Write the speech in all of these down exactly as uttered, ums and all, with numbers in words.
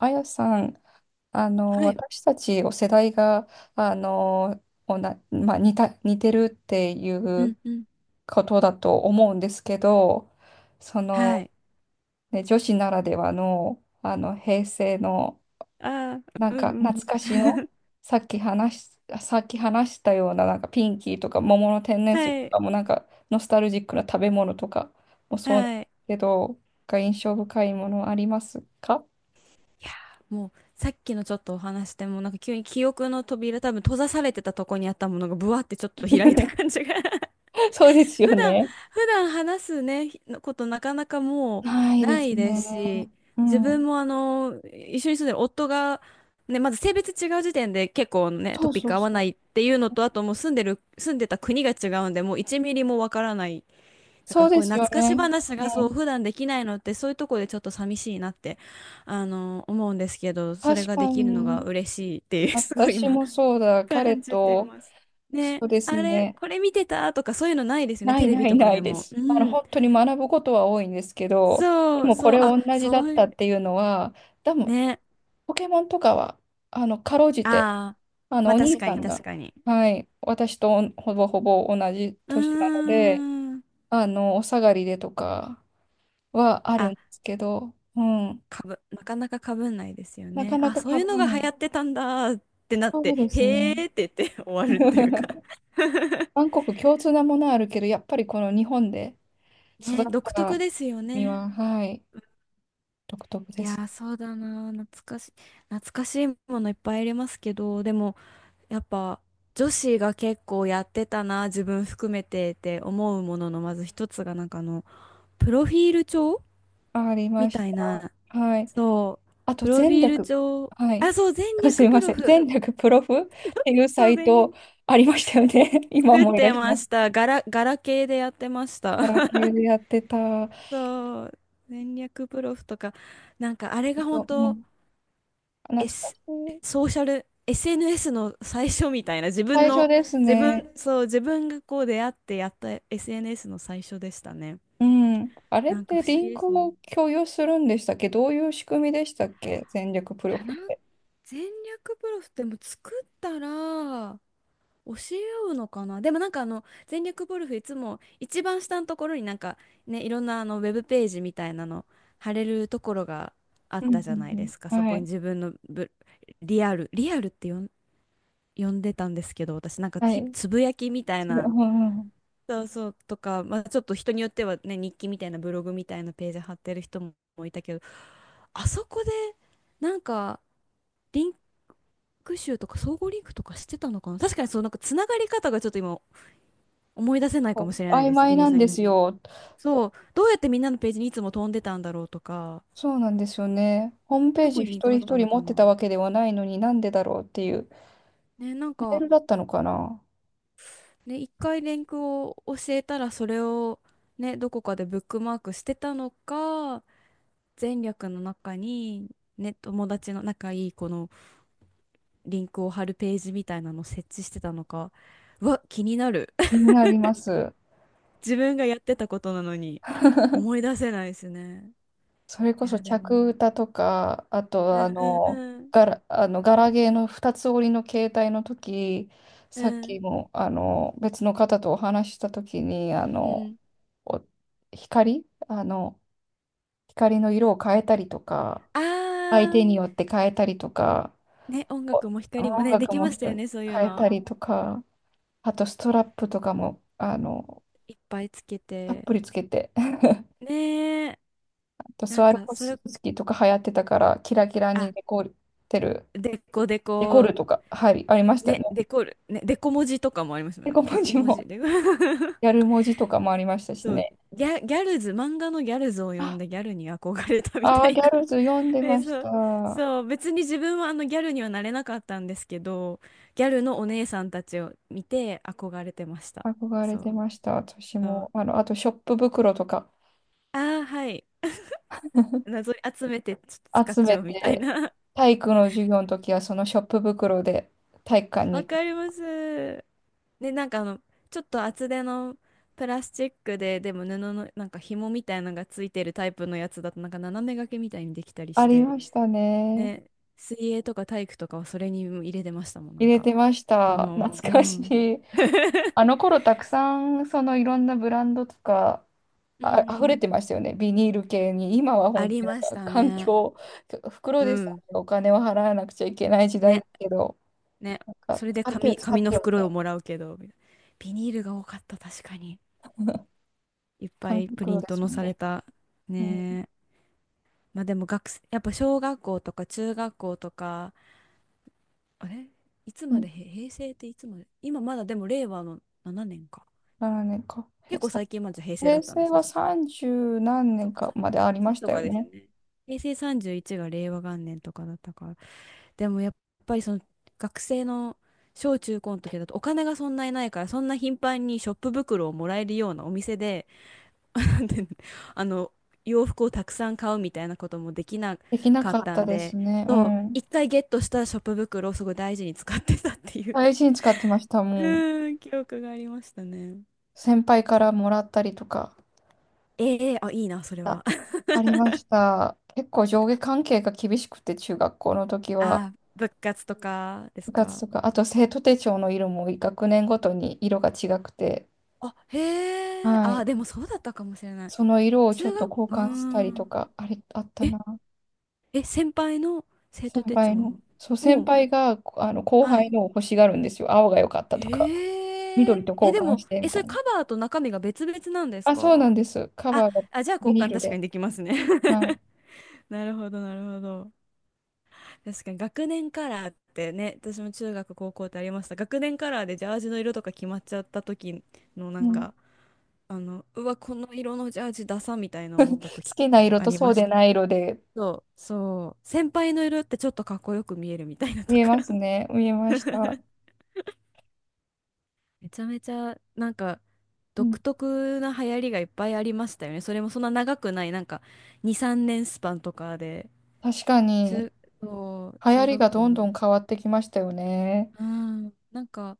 あやさん、あの、はい。私たちお世代が、あの、おな、まあ、似た、似てるっていううんうん。ことだと思うんですけど、そはの、い。ね、女子ならではの、あの、平成の、ああ、なんうんかうん。懐かしの、さっき話し、さっき話したような、なんかピンキーとか桃の天然水はとかい。も、なんかノスタルジックな食べ物とかもそうなんではすい。けど、が印象深いものありますか？ いやー、もう、さっきのちょっとお話でも、なんか急に記憶の扉、多分閉ざされてたとこにあったものが、ブワってちょっと開いた 感じが。そうですよ普段、ね。普段話すね、ひことなかなかもなういでなすいでね。すし、う自ん。分もあの、一緒に住んでる夫が、ね、まず性別違う時点で結構ね、そトうピッそクう合わそなう。いっていうのと、あともう住んでる、住んでた国が違うんで、もういちミリもわからない。なんそかうこでういうすよ懐かしね。話うがそうん。普段できないのって、そういうとこでちょっと寂しいなってあの思うんですけど、それ確がでかきるのがに、嬉しいっていう、 すごい私今もそうだ。彼感じてと、ます。そね、うですあれね。これ見てたとか、そういうのないですよね、なテいレなビいとかなでいでも。す。うあの、ん。本当に学ぶことは多いんですけど、でそうもこそれう、あ、同じだそっういたう、っていうのは、多分、ね。ポケモンとかは、あの、かろうじて、ああー、あの、まおあ確兄かさにん確が、かに。はい、私とほぼほぼ同じう年なので、ーん。あの、お下がりでとかはあるあ、んですけど、うん。かぶ、なかなかかぶんないですよなかね。なあ、か被そういうのらがな流い。行ってたんだってなっそうて、ですへーね。って言って 終わるというか。 韓国共通なものはあるけど、やっぱりこの日本で育っね、独特たですよ身は、ね。はい、独特いでやす。ー、そうだな。懐かしい、懐かしいものいっぱいありますけど、でも、やっぱ、女子が結構やってたな、自分含めてって思うものの、まず一つが、なんかあの、プロフィール帳ありみましたいな、た。はい。そう、あと、プロフ全ィール略、帳、はい。あ、そう、全 あ、す略いまプせロん。フ。全略プロフっていうサそう、イ全略、トありましたよね。今作っ思い出てしまます。した。ガラ、ガラケーでやってました。ガラ ケーでやってた。そう。戦略プロフとか、なんかあれがそ本う、うん、当、懐か S、しい。ソーシャル、エスエヌエス の最初みたいな、自分最初の、です自ね。分、そう、自分がこう出会ってやった エスエヌエス の最初でしたね。うん。あれっなんかて不思リ議ンでクすね。をい共有するんでしたっけ？どういう仕組みでしたっけ、戦略プロや、フっなん、て？戦略プロフってもう作ったら、教え合うのかな。でもなんかあの、全力ゴルフいつも一番下のところになんか、ね、いろんなあのウェブページみたいなの貼れるところがあっうんたじうゃんないですか。うそん。はこにい。自分のブ、リアルリアルって呼ん、呼んでたんですけど、私なんか、はひ、い。つぶやきみたいそれ、うなんうん。そうそうとか、まあ、ちょっと人によってはね、日記みたいなブログみたいなページ貼ってる人もいたけど、あそこでなんかリンク集とか総合リンクとかしてたのかな。確かに、そうなんか、つながり方がちょっと今思い出せないかもそしれう、ない曖です、ゆ昧りえなんさんでに。すよ。そう、どうやってみんなのページにいつも飛んでたんだろうとか、そうなんですよね。ホームペーどジこに一リンク人があっ一た人の持かってな。たわけではないのになんでだろうっていう。ね、なんメーか、ルだったのかな。ね、一回リンクを教えたら、それを、ね、どこかでブックマークしてたのか、前略の中に、ね、友達の仲いい子のリンクを貼るページみたいなのを設置してたのか、うわ、気になる。気 になります。自分がやってたことなのに、思い出せないですね。それいこそや、でも、客歌とか、あうとんあうんの、うん、ガラ、あのガラゲーの二つ折りの携帯の時、うさっきん、もあの別の方とお話しした時に、あうの、ん。お光、あの、光の色を変えたりとか、あ相手ー、によって変えたりとか、ね、音楽おも光も音ね、で楽きもました人よにね、そういう変えたの。りとか、あとストラップとかも、あの、いっぱいつけたって。ぷりつけて、ねえ、あとなスんワロか、フそれ、スキーとか流行ってたから、キラキラあ、にデコってる。デコデデココ、るとか、はい、ありましたね。ね、デコる、ね、デコ文字とかもありますよデね。コデ文コ字文も、字。デコ。 ギャル文字とかもありましたしそう、ね。ギャ、ギャルズ、漫画のギャルズをあ読んでギャルに憧れたみあたー、いギャな。 ルズ読ん でえ、ましそう、た。そう、別に自分はあのギャルにはなれなかったんですけど、ギャルのお姉さんたちを見て憧れてました。憧れそう、てました、私そも。う。あの、あと、ショップ袋とかああ、はい。謎に集めてちょっと使っ集ちめゃうみたいて、な。体育の授業の時は、そのショップ袋で体育館 わに行く。かります。で、なんかあの、ちょっと厚手のプラスチックで、でも布のなんか紐みたいなのがついてるタイプのやつだと、なんか斜め掛けみたいにできたりあしりて、ましたね。ね、水泳とか体育とかはそれに入れてましたもん、な入んれか。てましもた。懐のを、うかしん。い。あの頃、たくさん、そのいろんなブランドとか、うんうあ、溢れん。てましたよね、ビニール系に。今はあ本当りになんましかた環ね。境、袋うでさん。えお金を払わなくちゃいけない時代ね、だけど、ね。なんかそれで、使ってよ、紙、使っ紙のてよみた袋をいもな。らうけど、みたいな。ビニールが多かった、確かに。いっぱ紙いプリ袋ンでトすのもんされね、た。今。ね、まあでも学生、やっぱ小学校とか中学校とか、あれ、いつうん。まうでへ、平成っていつまで。今まだでも令和のななねんか。年か。結へ構さ最近まで平成だ平ったんで成すね。はそしたら、さんじゅう何そ年うか、かまでありまさんじゅういちしとたよかですよね。ね。平成さんじゅういちが令和元年とかだったから。でもやっぱりその学生の小中高の時だと、お金がそんなにないから、そんな頻繁にショップ袋をもらえるようなお店で、なんていうの、あの、洋服をたくさん買うみたいなこともできなできなかかっったたんですで、ね。うそう、ん。一回ゲットしたショップ袋をすごい大事に使ってたっていう。 大事に使ってました、うもう。ーん、記憶がありましたね。先輩からもらったりとか。ええ、あ、いいな、それあ、は。ありました。結構上下関係が厳しくて、中学校の時は。あ、部活とかで部す活か。とか、あと生徒手帳の色も学年ごとに色が違くて、あ、へえ、はあ、い。でもそうだったかもしれない。その色をちょっ中と学、交うー換したりとん。か、あれ、あったえ、な。え、先輩の生徒先手輩帳の。そう、先を、輩がこあの後は輩い。のを欲しがるんですよ。青が良かったとか、ええ緑と交え、で換も、してえ、みそたれいカな。バーと中身が別々なんですあ、そか。うなんです。カあ、バーがあ、じゃあビ交ニー換ル確かで。にできますね。 はい。なるほど、なるほど。確かに学年カラーってね、私も中学、高校ってありました。学年カラーでジャージの色とか決まっちゃった時のなんうん、好か、あの、うわ、この色のジャージダサみたいな思った時ときかな色もあとりそまうしでた。ない色でそう、そう。先輩の色ってちょっとかっこよく見えるみたいなと見えか。 ますね。見えま した。めちゃめちゃなんかうん、独特な流行りがいっぱいありましたよね。それもそんな長くない、なんかに、さんねんスパンとかで。確かに、通、そう、流行中り学がど校んの。どん変わってきましたよね。うん。なんか、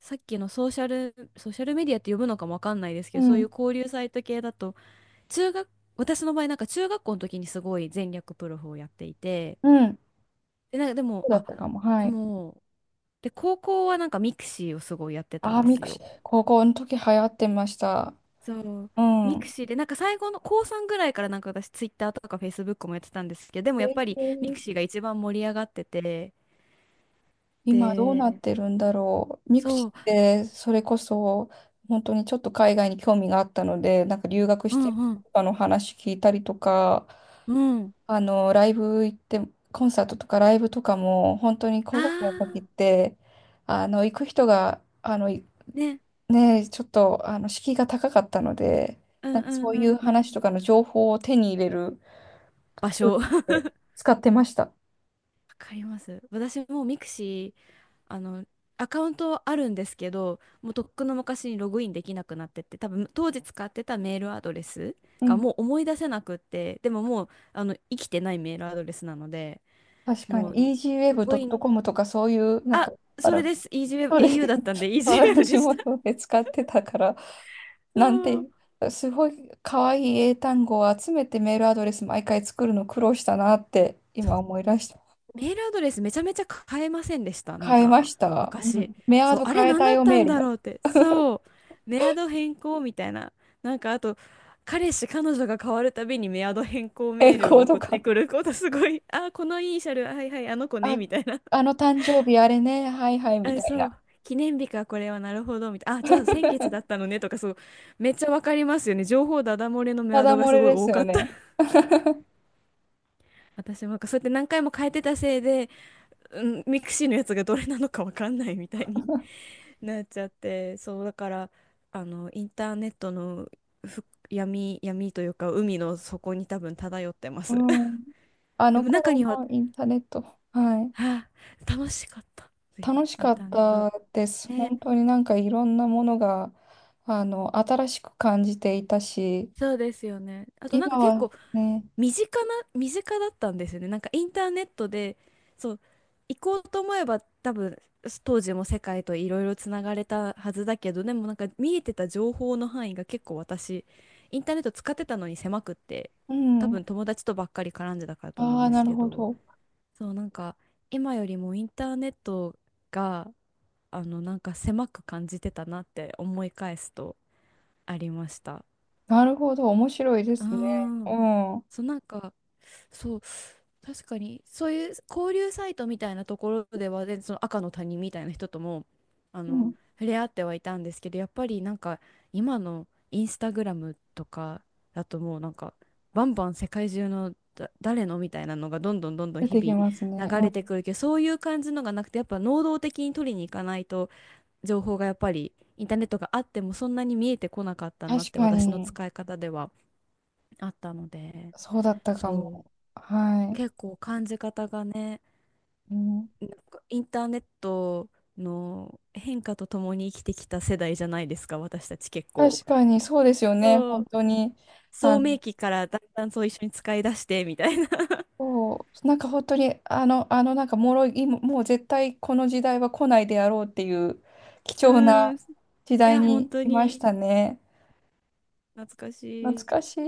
さっきのソーシャル、ソーシャルメディアって呼ぶのかもわかんないですけうど、そういうん。交流サイト系だと、中学、私の場合なんか中学校の時にすごい全略プロフをやっていて、うん。で、なんかでそも、うだっあ、たかも。はでい。も、で、高校はなんかミクシーをすごいやってたんあー、でミすクシよ。ィ、高校の時流行ってました。そう。うミクん。シーで、なんか最後の高さんぐらいからなんか私ツイッターとかフェイスブックもやってたんですけど、でもやっえぱりミクーシーが一番盛り上がってて、今どうなで、ってるんだろう。ミクシそィう、ってそれこそ本当にちょっと海外に興味があったので、なんか留学うしてんるう人ん、とかの話聞いたりとか、うん。あの、ライブ行って、コンサートとかライブとかも本当にあー、高校生の時って、あの、行く人が、あの、いね。ねえ、ちょっとあの敷居が高かったので、うんなんかうそんういううんうん。話とかの情報を手に入れる場ツール所。わとして使ってました。かります。私もミクシー、あの、アカウントあるんですけど、もうとっくの昔にログインできなくなってて、多分当時使ってたメールアドレスうがん。もう思い出せなくって、でももう、あの、生きてないメールアドレスなので、確かもう、に、ログイン、イージーウェブドットコム とかそういう、なんか、あ、あその、れです。e ー s y w そうで e す。b au だったん で EasyWeb で私しもた。そうで使ってたから、なんそう。て、すごい可愛い英単語を集めてメールアドレス毎回作るの苦労したなって今思い出した。メールアドレスめちゃめちゃ変えませんでした。なん変えか、ました。う昔。ん、メアそう、ドあれ変え何ただっよ、たメーんルだも。ろうって。そう、メアド変更みたいな。なんかあと、彼氏、彼女が変わるたびにメアド変更メ変ールを更と送っか。てくることすごい。あ、このイニシャル、はいはい、あの子ね、あ、みたいな。あの誕生日あれね、はいはい みあ、たいそな。う。記念日か、これは、なるほど、みたいな。あ、じゃあ先月だっ たのね、とか、そう。めっちゃわかりますよね。情報ダダ漏れのメたアだドが漏すれごいです多かよった。ね。私もなんかそうやって何回も変えてたせいで、うん、ミクシーのやつがどれなのかわかんないみたいになっちゃって、そうだから、あのインターネットの、ふ、闇闇というか海の底に多分漂ってまうす。 ん。あ でのも中頃にはのインターネット。はい。「はあ、楽しかった」っていう楽しインかっターネット、たです。ね。本当になんかいろんなものが、あの、新しく感じていたし、そうですよね。あとなん今か結は構ね、身近な、身近だったんですよね。なんかインターネットで、そう、行こうと思えば多分、当時も世界といろいろつながれたはずだけど、でもなんか見えてた情報の範囲が結構私、インターネット使ってたのに狭くって、う多ん、分友達とばっかり絡んでたからと思あうんあ、ですなるけほど、ど。そう、なんか今よりもインターネットが、あの、なんか狭く感じてたなって思い返すとありました。なるほど、面白いでうーすね。うん。ん、うそう、なんか、そう、確かに、そういう交流サイトみたいなところではね、全然その赤の他人みたいな人とも、あの、ん、触れ合ってはいたんですけど、やっぱりなんか、今のインスタグラムとかだともうなんか、バンバン世界中のだ誰のみたいなのがどんどんどんどん出日てきますね。々流うん、れてくるけど、そういう感じのがなくて、やっぱ能動的に取りに行かないと、情報がやっぱりインターネットがあってもそんなに見えてこなかったなっ確て、か私のに、使い方ではあったので、そうだったかそう、も。は結構感じ方がね、い。うん、インターネットの変化とともに生きてきた世代じゃないですか、私たち結構。確かに、そうですよね。そ本う、当に、あ聡の、明期からだんだんそう一緒に使い出してみたいな。そう、なんか本当に、あの、あの、なんか脆い、ももう絶対この時代は来ないであろうっていう 貴う重ーなん、い時代や、本に当いましにたね。懐かしい。懐かしい。